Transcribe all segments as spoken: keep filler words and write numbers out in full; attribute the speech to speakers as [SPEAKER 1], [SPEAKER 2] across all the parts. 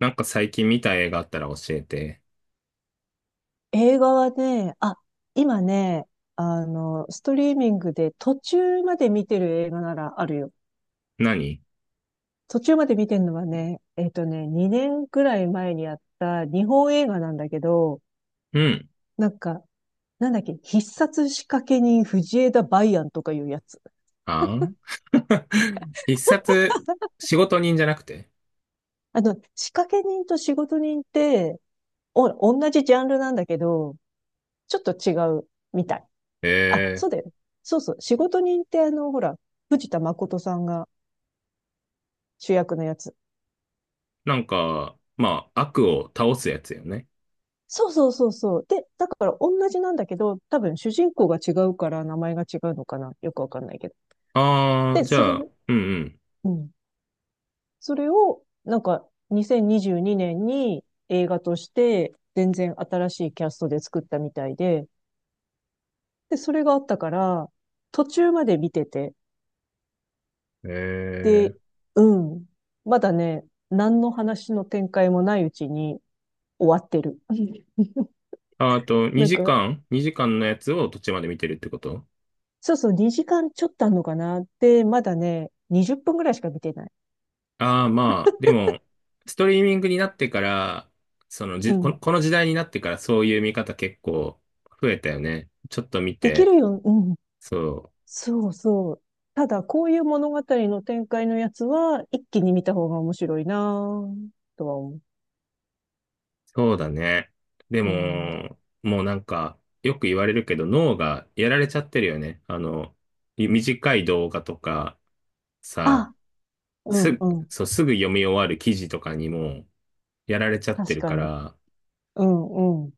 [SPEAKER 1] なんか最近見た映画あったら教えて。
[SPEAKER 2] 映画はね、あ、今ね、あの、ストリーミングで途中まで見てる映画ならあるよ。
[SPEAKER 1] 何？
[SPEAKER 2] 途中まで見てるのはね、えっとね、にねんくらい前にやった日本映画なんだけど、
[SPEAKER 1] うん。
[SPEAKER 2] なんか、なんだっけ、必殺仕掛け人藤枝梅安とかいうやつ。
[SPEAKER 1] あん。 必殺、仕事人じゃなくて。
[SPEAKER 2] あの、仕掛け人と仕事人って、お、同じジャンルなんだけど、ちょっと違うみたい。あ、
[SPEAKER 1] え
[SPEAKER 2] そうだよね。そうそう。仕事人ってあの、ほら、藤田誠さんが主役のやつ。
[SPEAKER 1] ー、なんか、まあ、悪を倒すやつよね。
[SPEAKER 2] そうそうそうそう。で、だから同じなんだけど、多分主人公が違うから名前が違うのかな。よくわかんないけど。
[SPEAKER 1] あー、
[SPEAKER 2] で、
[SPEAKER 1] じゃ
[SPEAKER 2] それ、
[SPEAKER 1] あ、うん。
[SPEAKER 2] うん。それを、なんか、2022年にじゅうにねんに映画として、全然新しいキャストで作ったみたいで、で、それがあったから、途中まで見てて、
[SPEAKER 1] うん。え
[SPEAKER 2] で、
[SPEAKER 1] ー、
[SPEAKER 2] うん。まだね、何の話の展開もないうちに終わってる。
[SPEAKER 1] ああと、
[SPEAKER 2] なん
[SPEAKER 1] 2
[SPEAKER 2] か、
[SPEAKER 1] 時間 ?2 時間のやつを途中まで見てるってこと？
[SPEAKER 2] そうそう、にじかんちょっとあんのかなって、まだね、にじゅっぷんぐらいしか見てない。
[SPEAKER 1] ああー、まあ、でも、ストリーミングになってから、その
[SPEAKER 2] う
[SPEAKER 1] じ、こ
[SPEAKER 2] ん。
[SPEAKER 1] の、この時代になってからそういう見方結構増えたよね。ちょっと見
[SPEAKER 2] できる
[SPEAKER 1] て、
[SPEAKER 2] よ。うん。
[SPEAKER 1] そう。
[SPEAKER 2] そうそう。ただ、こういう物語の展開のやつは、一気に見た方が面白いなぁとは思
[SPEAKER 1] そうだね。で
[SPEAKER 2] う。うん。
[SPEAKER 1] も、もうなんか、よく言われるけど、脳がやられちゃってるよね。あの、い短い動画とか、さ、
[SPEAKER 2] あ、う
[SPEAKER 1] す
[SPEAKER 2] ん
[SPEAKER 1] ぐ、
[SPEAKER 2] うん。
[SPEAKER 1] そう、すぐ読み終わる記事とかにも、やられちゃって
[SPEAKER 2] 確
[SPEAKER 1] る
[SPEAKER 2] か
[SPEAKER 1] か
[SPEAKER 2] に。
[SPEAKER 1] ら、
[SPEAKER 2] うんうん。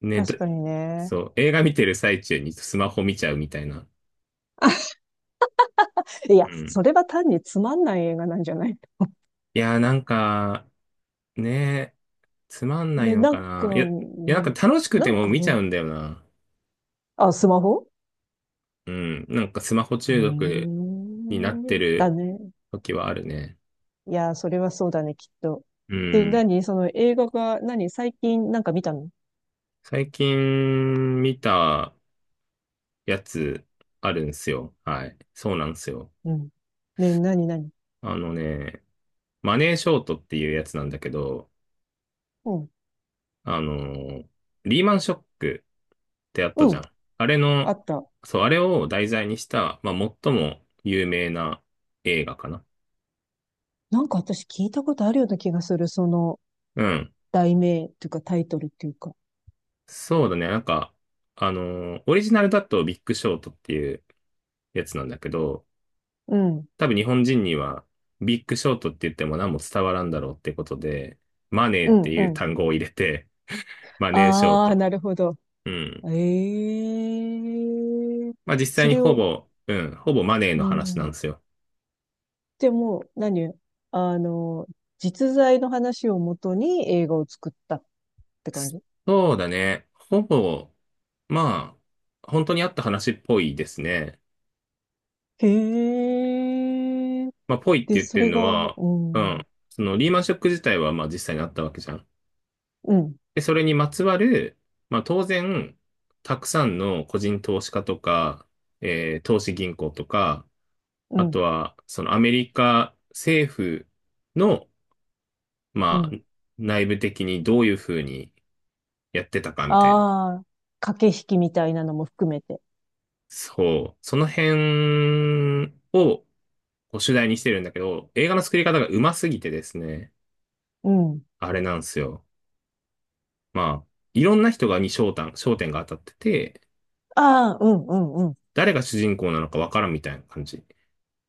[SPEAKER 1] ね。ど
[SPEAKER 2] 確かにね。
[SPEAKER 1] そう、映画見てる最中にスマホ見ちゃうみたいな。
[SPEAKER 2] いや、
[SPEAKER 1] うん。
[SPEAKER 2] それは単につまんない映画なんじゃない？
[SPEAKER 1] いやー、なんか、ね、つまんない
[SPEAKER 2] ね
[SPEAKER 1] の
[SPEAKER 2] な
[SPEAKER 1] か
[SPEAKER 2] んか、
[SPEAKER 1] な。い
[SPEAKER 2] う
[SPEAKER 1] や、いや、な
[SPEAKER 2] ん、
[SPEAKER 1] んか楽しく
[SPEAKER 2] な
[SPEAKER 1] て
[SPEAKER 2] ん
[SPEAKER 1] も
[SPEAKER 2] か、
[SPEAKER 1] 見ち
[SPEAKER 2] う
[SPEAKER 1] ゃう
[SPEAKER 2] ん、
[SPEAKER 1] んだよな。
[SPEAKER 2] あ、スマホ
[SPEAKER 1] うん。なんかスマホ
[SPEAKER 2] ええ
[SPEAKER 1] 中毒になって
[SPEAKER 2] ーだ
[SPEAKER 1] る
[SPEAKER 2] ね。
[SPEAKER 1] 時はあるね。
[SPEAKER 2] いや、それはそうだね、きっと。
[SPEAKER 1] う
[SPEAKER 2] で、
[SPEAKER 1] ん。
[SPEAKER 2] 何？その映画が、何最近なんか見たの？
[SPEAKER 1] 最近見たやつあるんすよ。はい。そうなんですよ。
[SPEAKER 2] うん。ね、なになに？
[SPEAKER 1] あのね、マネーショートっていうやつなんだけど、
[SPEAKER 2] うん。
[SPEAKER 1] あのーリーマンショックってあった
[SPEAKER 2] う
[SPEAKER 1] じゃ
[SPEAKER 2] ん。
[SPEAKER 1] ん。あれ
[SPEAKER 2] あ
[SPEAKER 1] の、
[SPEAKER 2] った。
[SPEAKER 1] そう、あれを題材にした、まあ、最も有名な映画かな。
[SPEAKER 2] なんか私聞いたことあるような気がする。その
[SPEAKER 1] うん。
[SPEAKER 2] 題名というかタイトルっていうか。
[SPEAKER 1] そうだね。なんか、あのーオリジナルだとビッグショートっていうやつなんだけど、
[SPEAKER 2] うん。
[SPEAKER 1] 多分日本人にはビッグショートって言っても何も伝わらんだろうってことで、マネ
[SPEAKER 2] う
[SPEAKER 1] ーって
[SPEAKER 2] ん、う
[SPEAKER 1] いう
[SPEAKER 2] ん。
[SPEAKER 1] 単語を入れて、マネーショー
[SPEAKER 2] あー、
[SPEAKER 1] ト。
[SPEAKER 2] なるほど。
[SPEAKER 1] うん。
[SPEAKER 2] ええ、
[SPEAKER 1] まあ実
[SPEAKER 2] そ
[SPEAKER 1] 際に
[SPEAKER 2] れ
[SPEAKER 1] ほ
[SPEAKER 2] を、
[SPEAKER 1] ぼ、うん、ほぼマネー
[SPEAKER 2] う
[SPEAKER 1] の話なんで
[SPEAKER 2] ん。
[SPEAKER 1] すよ。
[SPEAKER 2] でも、何？あの、実在の話をもとに映画を作ったって感じ？
[SPEAKER 1] そうだね。ほぼ、まあ、本当にあった話っぽいですね。
[SPEAKER 2] へえ。
[SPEAKER 1] まあ、ぽいって
[SPEAKER 2] で、
[SPEAKER 1] 言っ
[SPEAKER 2] そ
[SPEAKER 1] てる
[SPEAKER 2] れが、
[SPEAKER 1] の
[SPEAKER 2] う
[SPEAKER 1] は、う
[SPEAKER 2] ん、
[SPEAKER 1] ん、そのリーマンショック自体はまあ実際にあったわけじゃん。
[SPEAKER 2] うん、
[SPEAKER 1] で、それにまつわる、まあ当然、たくさんの個人投資家とか、えー投資銀行とか、
[SPEAKER 2] う
[SPEAKER 1] あと
[SPEAKER 2] ん、
[SPEAKER 1] は、そのアメリカ政府の、
[SPEAKER 2] う
[SPEAKER 1] まあ、
[SPEAKER 2] ん。
[SPEAKER 1] 内部的にどういうふうにやってたかみたいな。
[SPEAKER 2] ああ、駆け引きみたいなのも含めて。
[SPEAKER 1] そう。その辺をこう主題にしてるんだけど、映画の作り方がうますぎてですね、
[SPEAKER 2] うん。
[SPEAKER 1] あれなんですよ。まあ、いろんな人がに焦点、焦点が当たってて、
[SPEAKER 2] ああ、うんうんうん。
[SPEAKER 1] 誰が主人公なのかわからんみたいな感じ。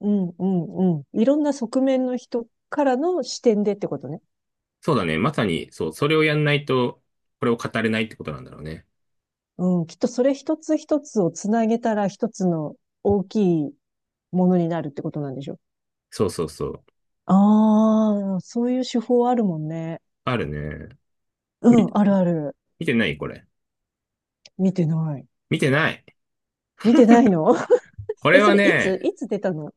[SPEAKER 2] うんうんうん。いろんな側面の人からの視点でってことね。
[SPEAKER 1] そうだね。まさに、そう、それをやんないと、これを語れないってことなんだろうね。
[SPEAKER 2] うん。きっとそれ一つ一つをつなげたら一つの大きいものになるってことなんでしょ？
[SPEAKER 1] そうそうそう。
[SPEAKER 2] ああ、そういう手法あるもんね。
[SPEAKER 1] あるね。
[SPEAKER 2] う
[SPEAKER 1] み、
[SPEAKER 2] ん、あるある。
[SPEAKER 1] 見てないこれ。
[SPEAKER 2] 見てない。
[SPEAKER 1] 見てない。
[SPEAKER 2] 見てないの？
[SPEAKER 1] こ
[SPEAKER 2] え、
[SPEAKER 1] れ
[SPEAKER 2] そ
[SPEAKER 1] は
[SPEAKER 2] れい
[SPEAKER 1] ね、
[SPEAKER 2] ついつ出たの？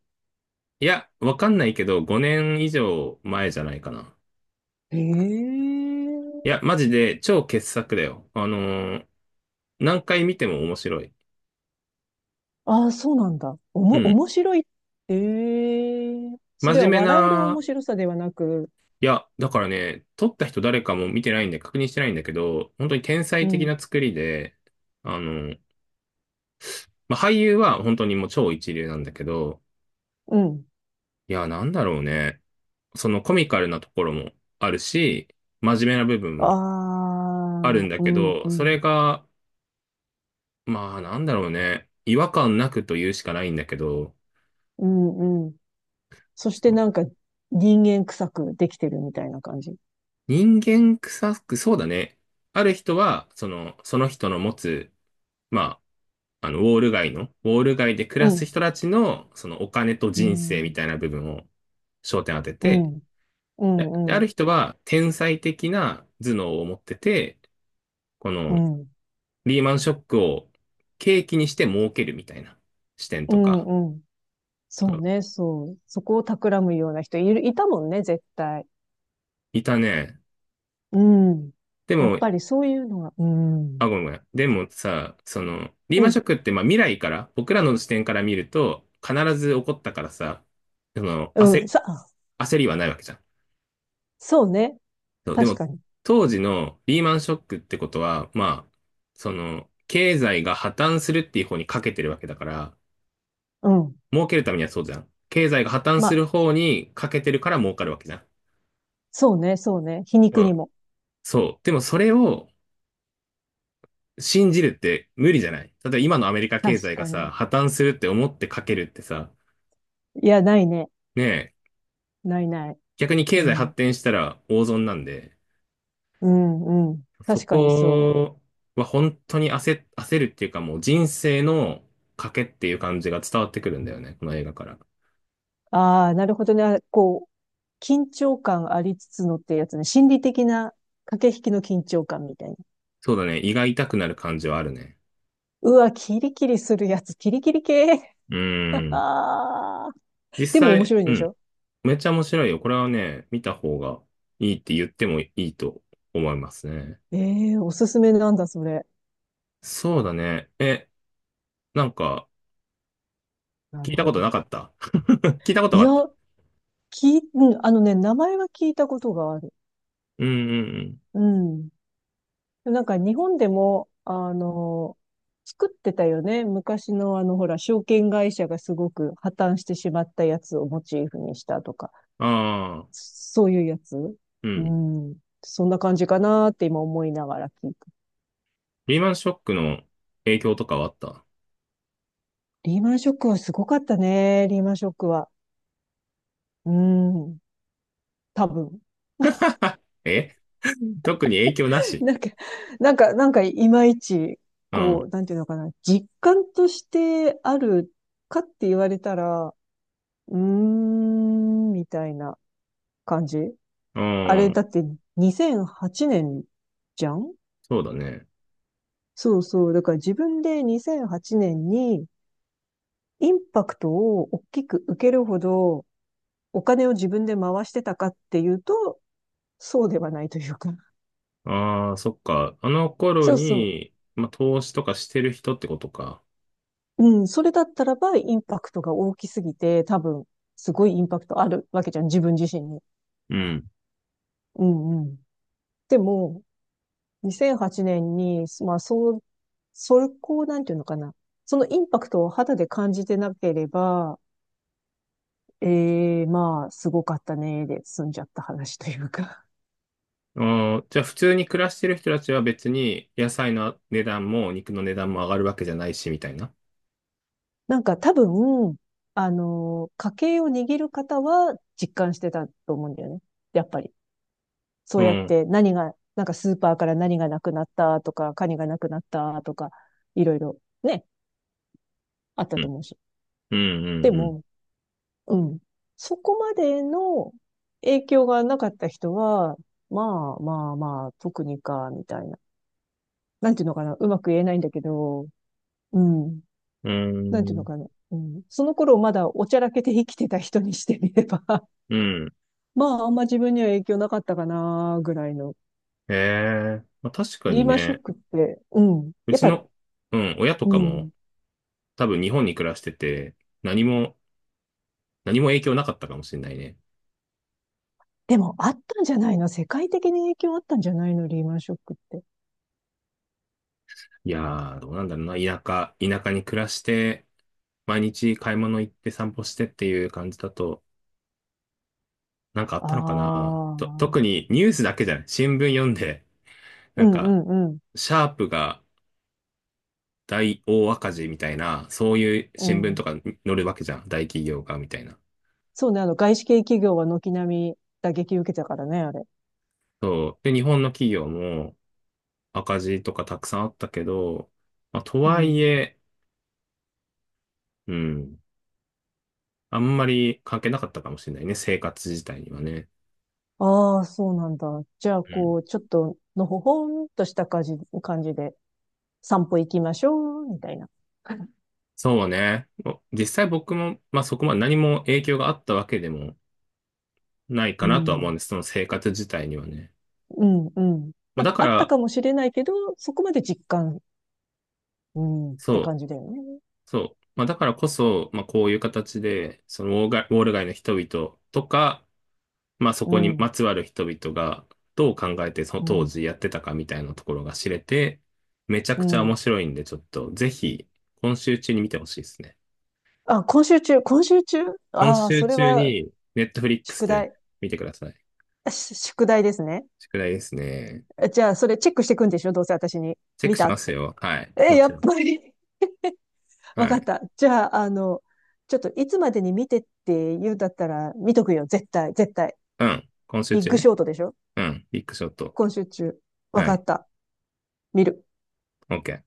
[SPEAKER 1] いや、わかんないけど、ごねん以上前じゃないかな。
[SPEAKER 2] へえ。
[SPEAKER 1] いや、マジで超傑作だよ。あのー何回見ても面白い。
[SPEAKER 2] ああ、そうなんだ。お
[SPEAKER 1] う
[SPEAKER 2] も、
[SPEAKER 1] ん。
[SPEAKER 2] 面白い。ええ、そ
[SPEAKER 1] 真
[SPEAKER 2] れ
[SPEAKER 1] 面
[SPEAKER 2] は
[SPEAKER 1] 目
[SPEAKER 2] 笑える面
[SPEAKER 1] な、
[SPEAKER 2] 白さではなく、
[SPEAKER 1] いや、だからね、撮った人誰かも見てないんで確認してないんだけど、本当に天
[SPEAKER 2] う
[SPEAKER 1] 才的
[SPEAKER 2] ん、
[SPEAKER 1] な作りで、あの、まあ、俳優は本当にもう超一流なんだけど、
[SPEAKER 2] うん。
[SPEAKER 1] いや、なんだろうね。そのコミカルなところもあるし、真面目な部分も
[SPEAKER 2] あ
[SPEAKER 1] あるん
[SPEAKER 2] あ、
[SPEAKER 1] だ
[SPEAKER 2] う
[SPEAKER 1] け
[SPEAKER 2] ん、う
[SPEAKER 1] ど、そ
[SPEAKER 2] ん、
[SPEAKER 1] れが、まあなんだろうね。違和感なくと言うしかないんだけど、
[SPEAKER 2] うん、うん。そして
[SPEAKER 1] そう、
[SPEAKER 2] なんか人間臭くできてるみたいな感じ。
[SPEAKER 1] 人間臭く、そうだね。ある人は、その、その人の持つ、まあ、あの、ウォール街の、ウォール街で暮
[SPEAKER 2] う
[SPEAKER 1] らす
[SPEAKER 2] ん、
[SPEAKER 1] 人たちの、そのお金と
[SPEAKER 2] う
[SPEAKER 1] 人生み
[SPEAKER 2] ん、
[SPEAKER 1] たいな部分を焦点当て
[SPEAKER 2] う
[SPEAKER 1] て、
[SPEAKER 2] ん、う
[SPEAKER 1] で、で
[SPEAKER 2] ん、
[SPEAKER 1] あ
[SPEAKER 2] う
[SPEAKER 1] る
[SPEAKER 2] ん、
[SPEAKER 1] 人は天才的な頭脳を持ってて、こ
[SPEAKER 2] う
[SPEAKER 1] の
[SPEAKER 2] ん、
[SPEAKER 1] リーマンショックを契機にして儲けるみたいな視点
[SPEAKER 2] う
[SPEAKER 1] とか、
[SPEAKER 2] ん、うん。そうね、そう。そこを企むような人いる、いたもんね、絶対。
[SPEAKER 1] いたね。
[SPEAKER 2] うん。
[SPEAKER 1] で
[SPEAKER 2] やっ
[SPEAKER 1] も、
[SPEAKER 2] ぱりそういうのは、うん、
[SPEAKER 1] あ、ごめんごめん。でもさ、その、リー
[SPEAKER 2] う
[SPEAKER 1] マンショッ
[SPEAKER 2] ん、
[SPEAKER 1] クってまあ未来から、僕らの視点から見ると、必ず起こったからさ、その、
[SPEAKER 2] うん、
[SPEAKER 1] 焦、
[SPEAKER 2] さ、
[SPEAKER 1] 焦りはないわけじゃん。
[SPEAKER 2] そうね。
[SPEAKER 1] そう、で
[SPEAKER 2] 確
[SPEAKER 1] も、
[SPEAKER 2] かに。
[SPEAKER 1] 当時のリーマンショックってことは、まあ、その、経済が破綻するっていう方にかけてるわけだから、
[SPEAKER 2] うん。
[SPEAKER 1] 儲けるためにはそうじゃん。経済が破綻
[SPEAKER 2] ま
[SPEAKER 1] する
[SPEAKER 2] あ、
[SPEAKER 1] 方にかけてるから儲かるわけじゃん。
[SPEAKER 2] そうね、そうね。皮
[SPEAKER 1] う
[SPEAKER 2] 肉に
[SPEAKER 1] ん。
[SPEAKER 2] も。
[SPEAKER 1] そう。でもそれを信じるって無理じゃない？例えば今のアメリカ経
[SPEAKER 2] 確
[SPEAKER 1] 済が
[SPEAKER 2] か
[SPEAKER 1] さ、
[SPEAKER 2] に。
[SPEAKER 1] 破綻するって思ってかけるってさ、
[SPEAKER 2] いや、ないね。
[SPEAKER 1] ねえ、
[SPEAKER 2] ないない。
[SPEAKER 1] 逆に経
[SPEAKER 2] う
[SPEAKER 1] 済
[SPEAKER 2] ん。
[SPEAKER 1] 発展したら大損なんで、
[SPEAKER 2] うん、うん。
[SPEAKER 1] そ
[SPEAKER 2] 確かにそ
[SPEAKER 1] こは本当に焦、焦るっていうかもう人生の賭けっていう感じが伝わってくるんだよね、この映画から。
[SPEAKER 2] う。ああ、なるほどね。あ、こう、緊張感ありつつのってやつね。心理的な駆け引きの緊張感みたいな。
[SPEAKER 1] そうだね、胃が痛くなる感じはあるね。
[SPEAKER 2] うわ、キリキリするやつ。キリキリ系。
[SPEAKER 1] う ーん。
[SPEAKER 2] あー、
[SPEAKER 1] 実
[SPEAKER 2] でも面
[SPEAKER 1] 際、
[SPEAKER 2] 白いん
[SPEAKER 1] う
[SPEAKER 2] でし
[SPEAKER 1] ん。
[SPEAKER 2] ょ？
[SPEAKER 1] めっちゃ面白いよ。これはね、見た方がいいって言ってもいいと思いますね。
[SPEAKER 2] ええー、おすすめなんだ、それ。
[SPEAKER 1] そうだね。え、なんか、
[SPEAKER 2] な
[SPEAKER 1] 聞
[SPEAKER 2] る
[SPEAKER 1] いた
[SPEAKER 2] ほ
[SPEAKER 1] こと
[SPEAKER 2] ど。
[SPEAKER 1] なかった？ 聞いたこと
[SPEAKER 2] い
[SPEAKER 1] があ
[SPEAKER 2] や、
[SPEAKER 1] った。
[SPEAKER 2] き、うん、あのね、名前は聞いたことがある。
[SPEAKER 1] うんうん
[SPEAKER 2] うん。なんか日本でも、あの、作ってたよね。昔のあの、ほら、証券会社がすごく破綻してしまったやつをモチーフにしたとか、
[SPEAKER 1] うん。ああ、
[SPEAKER 2] そういうやつ。
[SPEAKER 1] う
[SPEAKER 2] う
[SPEAKER 1] ん。
[SPEAKER 2] ん。そんな感じかなって今思いながら聞いて。
[SPEAKER 1] リーマンショックの影響とかはあった？
[SPEAKER 2] リーマンショックはすごかったね。リーマンショックは。うん。多分。
[SPEAKER 1] え、特に影響な し。
[SPEAKER 2] なんか、なんか、なんか、いまいち、
[SPEAKER 1] う
[SPEAKER 2] こ
[SPEAKER 1] ん。
[SPEAKER 2] う、なんていうのかな。実感としてあるかって言われたら、うーん、みたいな。感じ。
[SPEAKER 1] う
[SPEAKER 2] あれ、だ
[SPEAKER 1] ん。
[SPEAKER 2] ってにせんはちねんじゃん。
[SPEAKER 1] そうだね。
[SPEAKER 2] そうそう。だから自分でにせんはちねんにインパクトを大きく受けるほどお金を自分で回してたかっていうと、そうではないというか。
[SPEAKER 1] ああ、そっか。あの 頃
[SPEAKER 2] そうそう。
[SPEAKER 1] に、まあ、投資とかしてる人ってことか。
[SPEAKER 2] うん。それだったらばインパクトが大きすぎて、多分、すごいインパクトあるわけじゃん。自分自身に。
[SPEAKER 1] うん。
[SPEAKER 2] うんうん。でも、にせんはちねんに、まあ、そう、そこを、なんていうのかな。そのインパクトを肌で感じてなければ、ええ、まあ、すごかったね、で済んじゃった話というか。
[SPEAKER 1] あー、じゃあ普通に暮らしてる人たちは別に野菜の値段も肉の値段も上がるわけじゃないし、みたいな。
[SPEAKER 2] なんか多分、あの、家計を握る方は実感してたと思うんだよね。やっぱり。そ
[SPEAKER 1] う
[SPEAKER 2] うやっ
[SPEAKER 1] ん。
[SPEAKER 2] て何が、なんかスーパーから何がなくなったとか、カニがなくなったとか、いろいろね、あったと思うし。
[SPEAKER 1] うん、
[SPEAKER 2] で
[SPEAKER 1] うん、
[SPEAKER 2] も、うん。そこまでの影響がなかった人は、まあまあまあ、特にか、みたいな。なんていうのかな。うまく言えないんだけど、うん。
[SPEAKER 1] うん。
[SPEAKER 2] なんてい
[SPEAKER 1] う
[SPEAKER 2] うの
[SPEAKER 1] ん。
[SPEAKER 2] かな。うん。その頃まだおちゃらけて生きてた人にしてみれば、
[SPEAKER 1] うん。うん。
[SPEAKER 2] まああんま自分には影響なかったかな、ぐらいの。
[SPEAKER 1] へえ。まあ、確か
[SPEAKER 2] リー
[SPEAKER 1] に
[SPEAKER 2] マンショ
[SPEAKER 1] ね。
[SPEAKER 2] ックって、うん。
[SPEAKER 1] う
[SPEAKER 2] やっ
[SPEAKER 1] ち
[SPEAKER 2] ぱ、
[SPEAKER 1] の、うん、親と
[SPEAKER 2] う
[SPEAKER 1] か
[SPEAKER 2] ん。
[SPEAKER 1] も多分日本に暮らしてて、何も、何も影響なかったかもしれないね。
[SPEAKER 2] でもあったんじゃないの？世界的に影響あったんじゃないの、リーマンショックって。
[SPEAKER 1] いやー、どうなんだろうな。田舎、田舎に暮らして、毎日買い物行って散歩してっていう感じだと、なんかあっ
[SPEAKER 2] あ
[SPEAKER 1] たのかな。と、特
[SPEAKER 2] あ。
[SPEAKER 1] にニュースだけじゃない。新聞読んで、な
[SPEAKER 2] う
[SPEAKER 1] ん
[SPEAKER 2] ん
[SPEAKER 1] か、
[SPEAKER 2] うんうん。
[SPEAKER 1] シャープが大大赤字みたいな、そういう
[SPEAKER 2] う
[SPEAKER 1] 新聞と
[SPEAKER 2] ん。
[SPEAKER 1] か載るわけじゃん。大企業が、みたいな。
[SPEAKER 2] そうね、あの、外資系企業は軒並み打撃受けたからね、あれ。
[SPEAKER 1] そう。で、日本の企業も赤字とかたくさんあったけど、まあ、と
[SPEAKER 2] う
[SPEAKER 1] はい
[SPEAKER 2] ん。
[SPEAKER 1] え、うん、あんまり関係なかったかもしれないね、生活自体にはね。
[SPEAKER 2] ああ、そうなんだ。じゃあ、
[SPEAKER 1] う
[SPEAKER 2] こ
[SPEAKER 1] ん。
[SPEAKER 2] う、ちょっと、のほほんとした感じ、感じで、散歩行きましょう、みたいな。
[SPEAKER 1] そうね。お実際僕も、まあそこまで何も影響があったわけでもないか
[SPEAKER 2] う
[SPEAKER 1] なとは思うん
[SPEAKER 2] ん。
[SPEAKER 1] です。その生活自体にはね。
[SPEAKER 2] うん、うん。
[SPEAKER 1] まあ
[SPEAKER 2] なん
[SPEAKER 1] だ
[SPEAKER 2] か
[SPEAKER 1] か
[SPEAKER 2] あった
[SPEAKER 1] ら、
[SPEAKER 2] かもしれないけど、そこまで実感、うん、って
[SPEAKER 1] そう、
[SPEAKER 2] 感じだよね。
[SPEAKER 1] そう。まあだからこそ、まあこういう形で、そのウォーガウォール街の人々とか、まあそ
[SPEAKER 2] う
[SPEAKER 1] こにま
[SPEAKER 2] ん、
[SPEAKER 1] つわる人々がどう考えてその
[SPEAKER 2] う
[SPEAKER 1] 当
[SPEAKER 2] ん、
[SPEAKER 1] 時やってたかみたいなところが知れて、めちゃ
[SPEAKER 2] う
[SPEAKER 1] くちゃ
[SPEAKER 2] ん。
[SPEAKER 1] 面白いんで、ちょっとぜひ今週中に見てほしいですね。
[SPEAKER 2] あ、今週中、今週中、
[SPEAKER 1] 今
[SPEAKER 2] ああー、
[SPEAKER 1] 週
[SPEAKER 2] それ
[SPEAKER 1] 中
[SPEAKER 2] は、
[SPEAKER 1] に、ネットフリックス
[SPEAKER 2] 宿
[SPEAKER 1] で
[SPEAKER 2] 題。
[SPEAKER 1] 見てください。
[SPEAKER 2] あし宿題ですね。
[SPEAKER 1] 宿題ですね。
[SPEAKER 2] え、じゃあ、それチェックしていくんでしょ？どうせ私に。
[SPEAKER 1] チェッ
[SPEAKER 2] 見
[SPEAKER 1] クし
[SPEAKER 2] た
[SPEAKER 1] ま
[SPEAKER 2] っ
[SPEAKER 1] す
[SPEAKER 2] て。
[SPEAKER 1] よ。はい。
[SPEAKER 2] え、
[SPEAKER 1] も
[SPEAKER 2] や
[SPEAKER 1] ち
[SPEAKER 2] っ
[SPEAKER 1] ろん。
[SPEAKER 2] ぱり。わ
[SPEAKER 1] は
[SPEAKER 2] かっ
[SPEAKER 1] い。
[SPEAKER 2] た。じゃあ、あの、ちょっといつまでに見てって言うんだったら見とくよ。絶対、絶対。
[SPEAKER 1] うん。今週
[SPEAKER 2] ビッ
[SPEAKER 1] 中
[SPEAKER 2] グシ
[SPEAKER 1] ね。
[SPEAKER 2] ョートでしょ？
[SPEAKER 1] うん。ビッグショット。
[SPEAKER 2] 今週中。わ
[SPEAKER 1] は
[SPEAKER 2] か
[SPEAKER 1] い。
[SPEAKER 2] った。見る。
[SPEAKER 1] OK。